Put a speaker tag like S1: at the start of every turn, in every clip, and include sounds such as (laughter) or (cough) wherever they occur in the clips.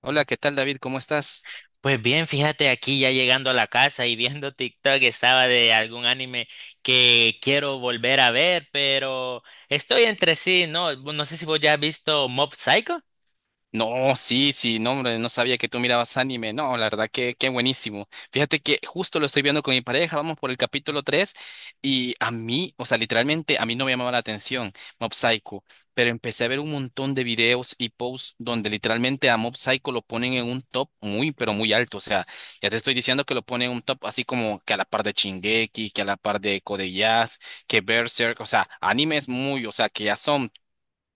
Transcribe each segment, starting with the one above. S1: Hola, ¿qué tal, David? ¿Cómo estás?
S2: Pues bien, fíjate, aquí ya llegando a la casa y viendo TikTok estaba de algún anime que quiero volver a ver, pero estoy entre sí, no, no sé si vos ya has visto Mob Psycho.
S1: No, sí, sí, no, hombre, no sabía que tú mirabas anime. No, la verdad que qué buenísimo. Fíjate que justo lo estoy viendo con mi pareja, vamos por el capítulo 3 y a mí, o sea, literalmente a mí no me llamaba la atención Mob Psycho, pero empecé a ver un montón de videos y posts donde literalmente a Mob Psycho lo ponen en un top muy, pero muy alto. O sea, ya te estoy diciendo que lo ponen en un top así como que a la par de Shingeki, que a la par de Code Geass, que Berserk, o sea, animes muy, o sea, que ya son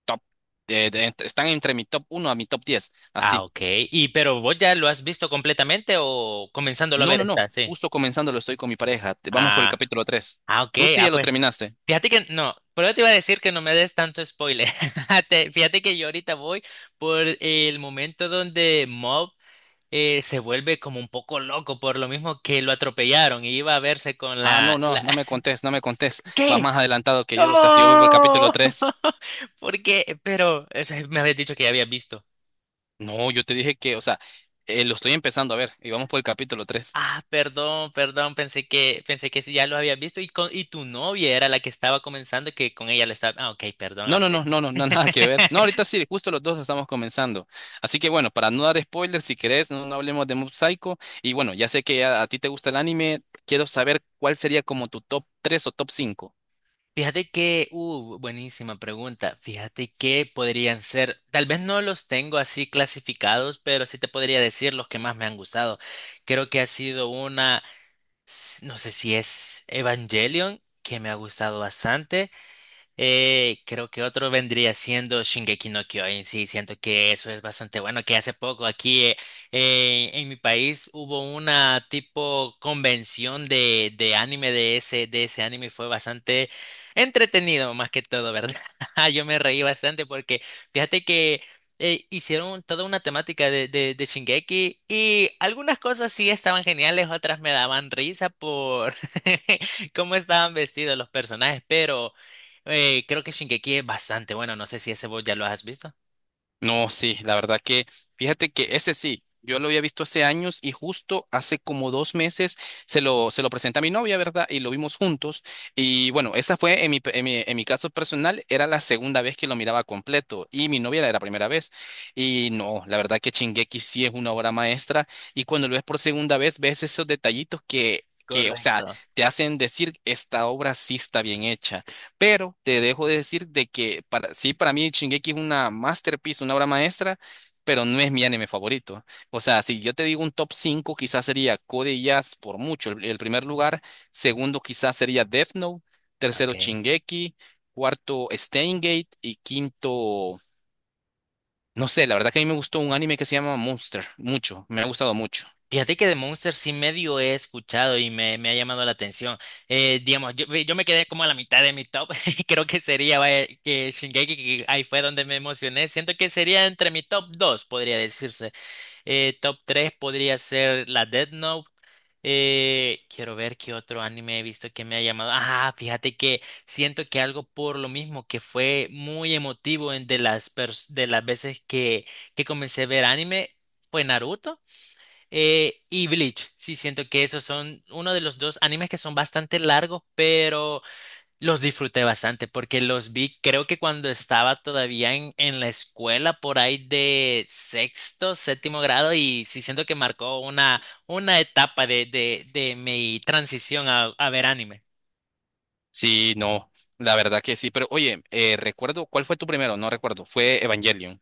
S1: top, están entre mi top uno a mi top 10
S2: Ah,
S1: así.
S2: ok. Pero vos ya lo has visto completamente o comenzándolo a
S1: No,
S2: ver
S1: no, no,
S2: está, sí.
S1: justo comenzando lo estoy con mi pareja, vamos por el
S2: Ah,
S1: capítulo tres.
S2: ok.
S1: ¿Tú sí
S2: Ah,
S1: ya lo
S2: pues
S1: terminaste?
S2: fíjate que no, pero yo te iba a decir que no me des tanto spoiler. (laughs) Te- Fíjate que yo ahorita voy por el momento donde Mob se vuelve como un poco loco por lo mismo que lo atropellaron y iba a verse con
S1: Ah,
S2: la,
S1: no, no,
S2: la...
S1: no me
S2: (laughs)
S1: contés, no me contés, vas
S2: ¿Qué?
S1: más adelantado que yo, o sea, si yo voy por el capítulo
S2: ¡No!
S1: tres.
S2: (laughs) Porque, pero, o sea, me habías dicho que ya había visto.
S1: No, yo te dije que, o sea, lo estoy empezando a ver y vamos por el capítulo tres.
S2: Ah, perdón, perdón, pensé que sí, ya lo había visto y, con, y tu novia era la que estaba comenzando que con ella le estaba... Ah, ok, perdón,
S1: No, no,
S2: apre.
S1: no, no, no, (laughs) no, nada que ver. No, ahorita
S2: (laughs)
S1: sí, justo los dos estamos comenzando. Así que bueno, para no dar spoilers, si querés, no, no hablemos de Mob Psycho. Y bueno, ya sé que a ti te gusta el anime, quiero saber cuál sería como tu top 3 o top 5.
S2: Fíjate que, buenísima pregunta. Fíjate que podrían ser, tal vez no los tengo así clasificados, pero sí te podría decir los que más me han gustado. Creo que ha sido una, s- no sé si es Evangelion, que me ha gustado bastante. Creo que otro vendría siendo Shingeki no Kyojin. Sí, siento que eso es bastante bueno. Que hace poco aquí en mi país hubo una tipo convención de anime de ese anime y fue bastante entretenido, más que todo, ¿verdad? (laughs) Yo me reí bastante porque fíjate que hicieron toda una temática de Shingeki y algunas cosas sí estaban geniales, otras me daban risa por (laughs) cómo estaban vestidos los personajes, pero. Creo que Shingeki es bastante bueno. No sé si ese vos ya lo has visto.
S1: No, sí, la verdad que, fíjate que ese sí, yo lo había visto hace años y justo hace como 2 meses se lo presenté a mi novia, ¿verdad? Y lo vimos juntos. Y bueno, esa fue en mi, pe- en mi caso personal, era la segunda vez que lo miraba completo y mi novia era la primera vez. Y no, la verdad que Shingeki sí es una obra maestra y cuando lo ves por segunda vez, ves esos detallitos que, o sea,
S2: Correcto.
S1: te hacen decir, esta obra sí está bien hecha. Pero te dejo de decir de que para, sí, para mí Shingeki es una masterpiece, una obra maestra, pero no es mi anime favorito. O sea, si yo te digo un top 5 quizás sería Code Geass por mucho, el primer lugar. Segundo, quizás sería Death Note. Tercero,
S2: Ok.
S1: Shingeki. Cuarto, Steins Gate. Y quinto, no sé, la verdad que a mí me gustó un anime que se llama Monster, mucho, me ha gustado mucho.
S2: Fíjate que de Monster sí medio he escuchado y me ha llamado la atención. Digamos, yo me quedé como a la mitad de mi top. (laughs) Creo que sería vaya, que Shingeki, que ahí fue donde me emocioné. Siento que sería entre mi top 2 podría decirse. Top 3 podría ser la Death Note. Quiero ver qué otro anime he visto que me ha llamado. Ah, fíjate que siento que algo por lo mismo que fue muy emotivo en de las pers- de las veces que comencé a ver anime fue Naruto y Bleach. Sí, siento que esos son uno de los dos animes que son bastante largos, pero los disfruté bastante porque los vi, creo que cuando estaba todavía en la escuela, por ahí de sexto, séptimo grado, y sí siento que marcó una etapa de mi transición a ver anime.
S1: Sí, no, la verdad que sí, pero oye, recuerdo, ¿cuál fue tu primero? No recuerdo, fue Evangelion.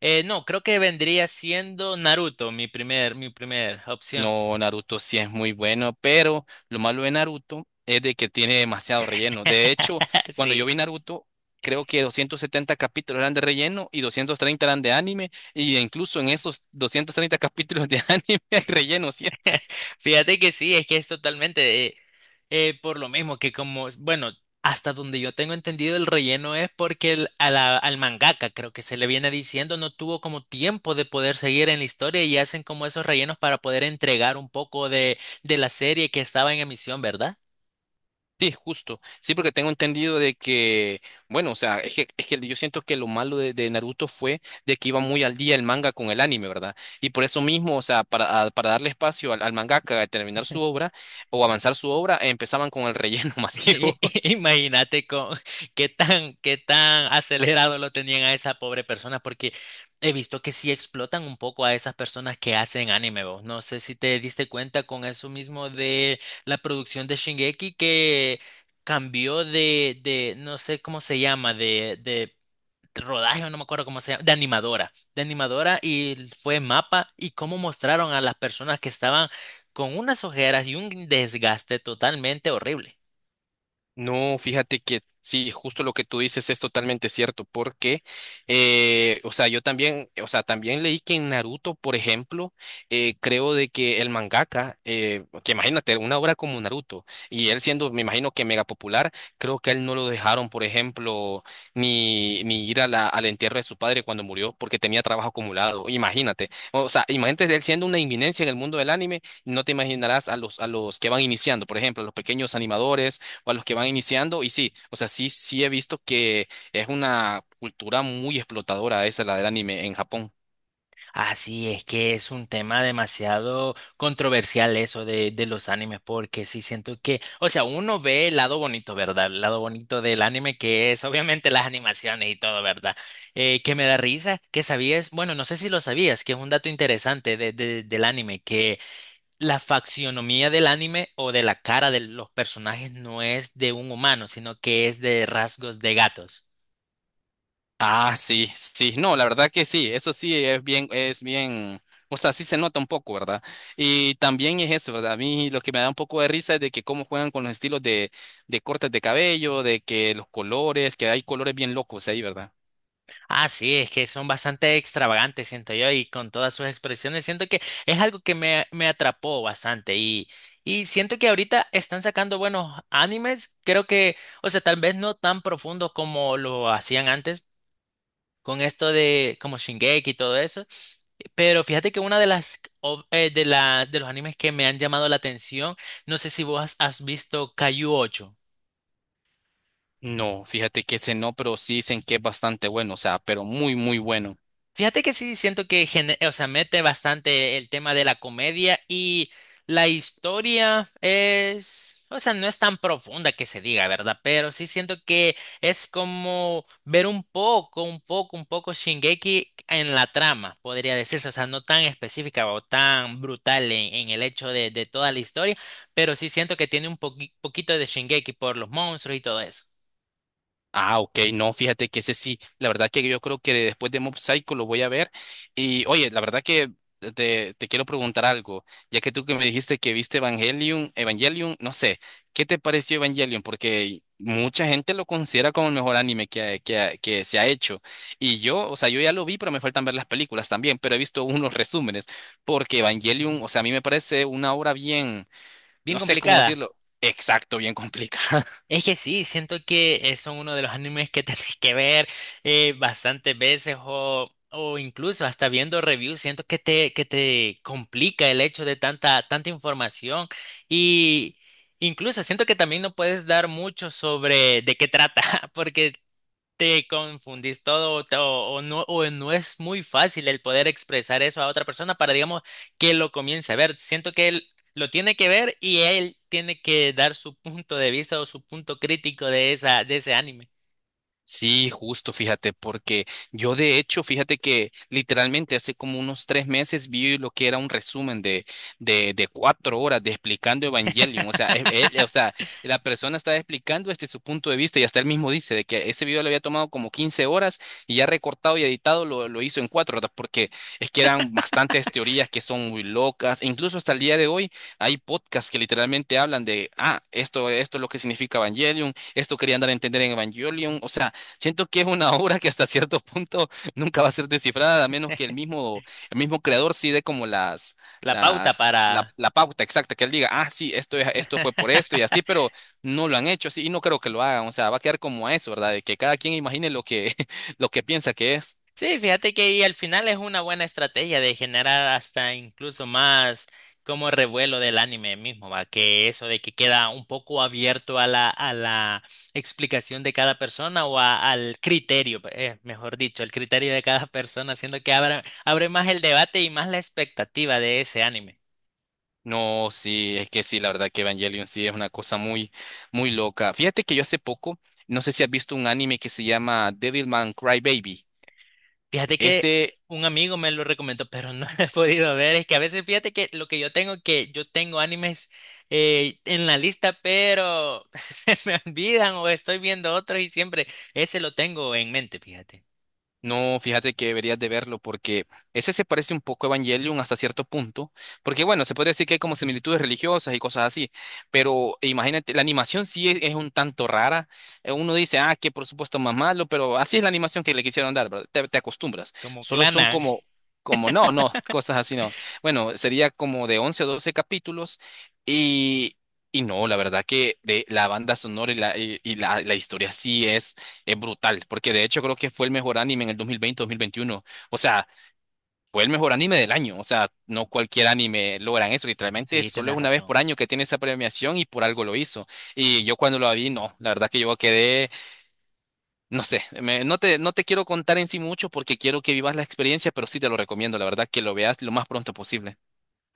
S2: No, creo que vendría siendo Naruto mi primer opción.
S1: No, Naruto sí es muy bueno, pero lo malo de Naruto es de que tiene demasiado relleno. De hecho,
S2: (laughs)
S1: cuando yo
S2: Sí.
S1: vi Naruto, creo que 270 capítulos eran de relleno y 230 eran de anime, y incluso en esos 230 capítulos de (laughs) anime hay relleno siempre.
S2: Fíjate que sí, es que es totalmente por lo mismo que como, bueno, hasta donde yo tengo entendido el relleno es porque el- a la- al mangaka, creo que se le viene diciendo, no tuvo como tiempo de poder seguir en la historia y hacen como esos rellenos para poder entregar un poco de la serie que estaba en emisión, ¿verdad?
S1: Sí, justo. Sí, porque tengo entendido de que, bueno, o sea, es que yo siento que lo malo de, Naruto fue de que iba muy al día el manga con el anime, ¿verdad? Y por eso mismo, o sea, para darle espacio al mangaka a terminar su obra o avanzar su obra, empezaban con el relleno (laughs)
S2: (laughs)
S1: masivo.
S2: Imagínate con qué tan acelerado lo tenían a esa pobre persona, porque he visto que sí explotan un poco a esas personas que hacen anime, vos. No sé si te diste cuenta con eso mismo de la producción de Shingeki que cambió no sé cómo se llama, de rodaje, o no me acuerdo cómo se llama, de animadora y fue mapa y cómo mostraron a las personas que estaban con unas ojeras y un desgaste totalmente horrible.
S1: No, fíjate que sí, justo lo que tú dices es totalmente cierto, porque, o sea, yo también, o sea, también leí que en Naruto, por ejemplo, creo de que el mangaka, que imagínate, una obra como Naruto, y él siendo, me imagino que mega popular, creo que a él no lo dejaron, por ejemplo, ni ir a la, al entierro de su padre cuando murió, porque tenía trabajo acumulado, imagínate, o sea, imagínate él siendo una inminencia en el mundo del anime, no te imaginarás a los, que van iniciando, por ejemplo, a los pequeños animadores o a los que van iniciando. Y sí, o sea, sí, sí he visto que es una cultura muy explotadora esa, la del anime en Japón.
S2: Así es que es un tema demasiado controversial eso de los animes, porque sí siento que, o sea, uno ve el lado bonito, ¿verdad? El lado bonito del anime, que es obviamente las animaciones y todo, ¿verdad? Que me da risa, que sabías, bueno, no sé si lo sabías, que es un dato interesante de- del anime, que la faccionomía del anime o de la cara de los personajes no es de un humano, sino que es de rasgos de gatos.
S1: Ah, sí, sí, no, la verdad que sí, eso sí es bien, o sea, sí se nota un poco, ¿verdad? Y también es eso, ¿verdad? A mí lo que me da un poco de risa es de que cómo juegan con los estilos de cortes de cabello, de que los colores, que hay colores bien locos ahí, ¿verdad?
S2: Ah, sí, es que son bastante extravagantes, siento yo, y con todas sus expresiones, siento que es algo que me atrapó bastante y siento que ahorita están sacando buenos animes, creo que, o sea, tal vez no tan profundos como lo hacían antes con esto de como Shingeki y todo eso, pero fíjate que una de las ov- de la, de los animes que me han llamado la atención, no sé si vos has, has visto Kaiju 8.
S1: No, fíjate que ese no, pero sí dicen que es bastante bueno, o sea, pero muy, muy bueno.
S2: Fíjate que sí siento que gene- o sea, mete bastante el tema de la comedia y la historia es, o sea, no es tan profunda que se diga, ¿verdad? Pero sí siento que es como ver un poco, un poco Shingeki en la trama, podría decirse, o sea, no tan específica o tan brutal en el hecho de toda la historia, pero sí siento que tiene un poqui- poquito de Shingeki por los monstruos y todo eso.
S1: Ah, ok, no, fíjate que ese sí, la verdad que yo creo que después de Mob Psycho lo voy a ver. Y oye, la verdad que te quiero preguntar algo, ya que tú que me dijiste que viste Evangelion, Evangelion, no sé, ¿qué te pareció Evangelion? Porque mucha gente lo considera como el mejor anime que se ha hecho. Y yo, o sea, yo ya lo vi, pero me faltan ver las películas también, pero he visto unos resúmenes, porque Evangelion, o sea, a mí me parece una obra bien,
S2: Bien
S1: no sé cómo
S2: complicada.
S1: decirlo, exacto, bien (laughs) complicada.
S2: Es que sí, siento que son uno de los animes que (laughs) tenés que ver bastantes veces o incluso hasta viendo reviews, siento que te complica el hecho de tanta, tanta información y incluso siento que también no puedes dar mucho sobre de qué trata, (laughs) porque te confundís todo o, te- o- o no es muy fácil el poder expresar eso a otra persona para, digamos, que lo comience a ver. Siento que él lo tiene que ver y él tiene que dar su punto de vista o su punto crítico de esa, de ese anime.
S1: Sí, justo, fíjate, porque yo de hecho, fíjate que literalmente hace como unos 3 meses vi lo que era un resumen de 4 horas de explicando Evangelion. O sea, e- o
S2: (laughs)
S1: sea, la persona estaba explicando desde su punto de vista y hasta él mismo dice de que ese video le había tomado como 15 horas y ya recortado y editado lo hizo en 4 horas, porque es que eran bastantes teorías que son muy locas. E incluso hasta el día de hoy hay podcasts que literalmente hablan de, ah, esto es lo que significa Evangelion, esto querían dar a entender en Evangelion. O sea, siento que es una (laughs) obra que hasta cierto punto (laughs) nunca va a ser descifrada, a menos que el mismo creador sí dé como las,
S2: La pauta
S1: las, la,
S2: para...
S1: la pauta exacta, que él diga, ah, sí, esto es, esto fue por esto y así, pero no lo han hecho así y no creo que lo hagan. O sea, va a quedar como a eso, ¿verdad? De que cada quien imagine lo que, (laughs) lo que piensa que es.
S2: Sí, fíjate que ahí al final es una buena estrategia de generar hasta incluso más como revuelo del anime mismo, va, que eso de que queda un poco abierto a a la explicación de cada persona o a- al criterio, mejor dicho, el criterio de cada (laughs) persona, haciendo que abra, abre más el debate y más la expectativa de ese anime.
S1: No, sí, es que sí, la verdad que Evangelion sí es una cosa muy, muy loca. Fíjate que yo hace poco, no sé si has visto un anime que se llama Devilman Crybaby.
S2: Fíjate que
S1: Ese.
S2: un amigo me lo recomendó, pero no (laughs) he podido ver. Es que a veces fíjate que lo que yo tengo animes en la lista, pero (laughs) se me olvidan o estoy viendo otro y siempre ese lo tengo en mente, fíjate.
S1: No, fíjate que deberías de verlo porque ese se parece un poco a Evangelion hasta cierto punto, porque bueno, se puede decir que hay como similitudes religiosas y cosas así, pero imagínate, la animación sí es un tanto rara. Uno dice, ah, que por supuesto más malo, pero así es la animación que le quisieron dar, ¿verdad? Te acostumbras.
S2: Como
S1: Solo son
S2: Clana.
S1: como, no, no, cosas así no. Bueno, sería como de 11 o 12 capítulos y. Y no, la verdad que de la banda sonora y la historia sí es brutal, porque de hecho creo que fue el mejor anime en el 2020-2021. O sea, fue el mejor anime del año. O sea, no cualquier anime logran eso. Literalmente
S2: Sí,
S1: solo
S2: tienes
S1: es una vez
S2: razón.
S1: por año que tiene esa premiación y por algo lo hizo. Y yo cuando lo vi, no, la verdad que yo quedé, no sé, no te quiero contar en sí mucho porque quiero que vivas la experiencia, pero sí te lo recomiendo, la verdad que lo veas lo más pronto posible.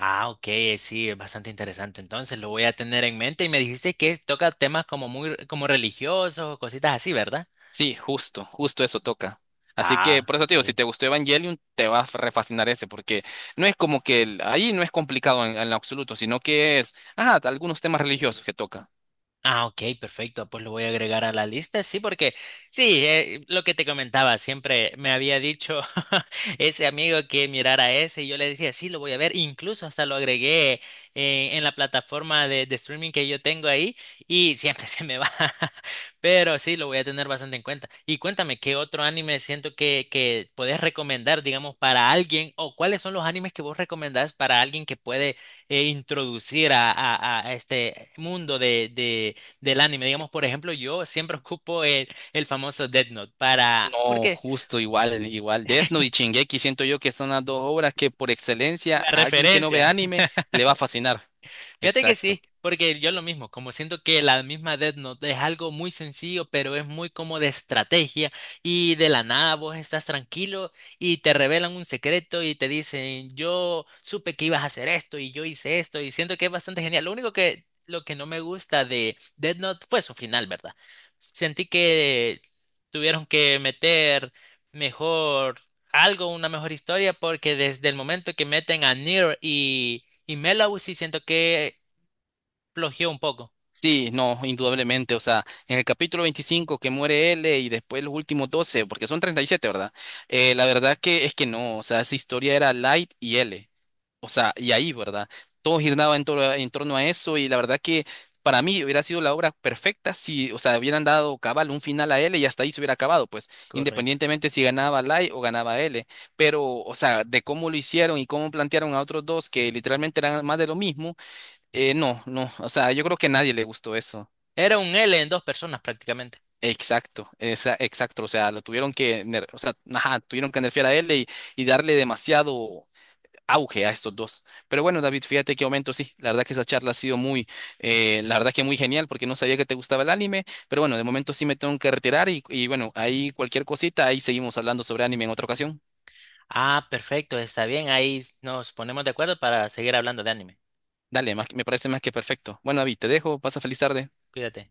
S2: Ah, ok, sí, es bastante interesante. Entonces lo voy a tener en mente y me dijiste que toca temas como muy como religiosos, o cositas así, ¿verdad?
S1: Sí, justo, justo eso toca. Así que
S2: Ah,
S1: por eso te digo, si
S2: ok.
S1: te gustó Evangelion, te va a refascinar ese, porque no es como que ahí no es complicado en, lo absoluto, sino que es, ajá, algunos temas religiosos que toca.
S2: Ah, ok, perfecto. Pues lo voy a agregar a la lista. Sí, porque sí, lo que te comentaba, siempre me había dicho (laughs) ese amigo que mirara ese y yo le decía, sí, lo voy a ver. Incluso hasta lo agregué en la plataforma de streaming que yo tengo ahí y siempre (laughs) se me va. Pero sí, lo voy a tener bastante en cuenta. Y cuéntame, ¿qué otro anime siento que podés recomendar, digamos, para alguien o cuáles son los animes que vos recomendás para alguien que puede introducir a este mundo de del anime. Digamos, por ejemplo, yo siempre ocupo el famoso Death Note para... ¿Por
S1: No,
S2: qué?
S1: justo igual, igual. Death Note y
S2: (laughs)
S1: Shingeki siento yo que son las dos obras que por excelencia a
S2: La
S1: alguien que no ve
S2: referencia.
S1: anime le va a fascinar.
S2: Fíjate que
S1: Exacto.
S2: sí, porque yo lo mismo, como siento que la misma Death Note es algo muy sencillo, pero es muy como de estrategia y de la nada vos estás tranquilo y te revelan un secreto y te dicen, yo supe que ibas a hacer esto y yo hice esto y siento que es bastante genial. Lo único que, lo que no me gusta de Death Note fue su final, ¿verdad? Sentí que tuvieron que meter mejor algo, una mejor historia, porque desde el momento que meten a Nier y Melau sí siento que flojeó un poco.
S1: Sí, no, indudablemente. O sea, en el capítulo 25 que muere L y después los últimos 12, porque son 37, ¿verdad? La verdad que es que no, o sea, esa historia era Light y L. O sea, y ahí, ¿verdad? Todo giraba en torno a eso y la verdad que para mí hubiera sido la obra perfecta si, o sea, hubieran dado cabal un final a L y hasta ahí se hubiera acabado, pues,
S2: Correcto.
S1: independientemente si ganaba Light o ganaba L. Pero, o sea, de cómo lo hicieron y cómo plantearon a otros dos que literalmente eran más de lo mismo. No, no, o sea, yo creo que a nadie le gustó eso.
S2: Era un L en dos personas prácticamente.
S1: Exacto, o sea, lo tuvieron que, o sea, ajá, tuvieron que nerfear a él y darle demasiado auge a estos dos. Pero bueno, David, fíjate qué momento, sí, la verdad que esa charla ha sido muy, la verdad que muy genial porque no sabía que te gustaba el anime, pero bueno, de momento sí me tengo que retirar y bueno, ahí cualquier cosita, ahí seguimos hablando sobre anime en otra ocasión.
S2: Ah, perfecto, está bien. Ahí nos ponemos de acuerdo para seguir hablando de anime.
S1: Dale, me parece más que perfecto. Bueno, David, te dejo, pasa feliz tarde.
S2: Cuídate.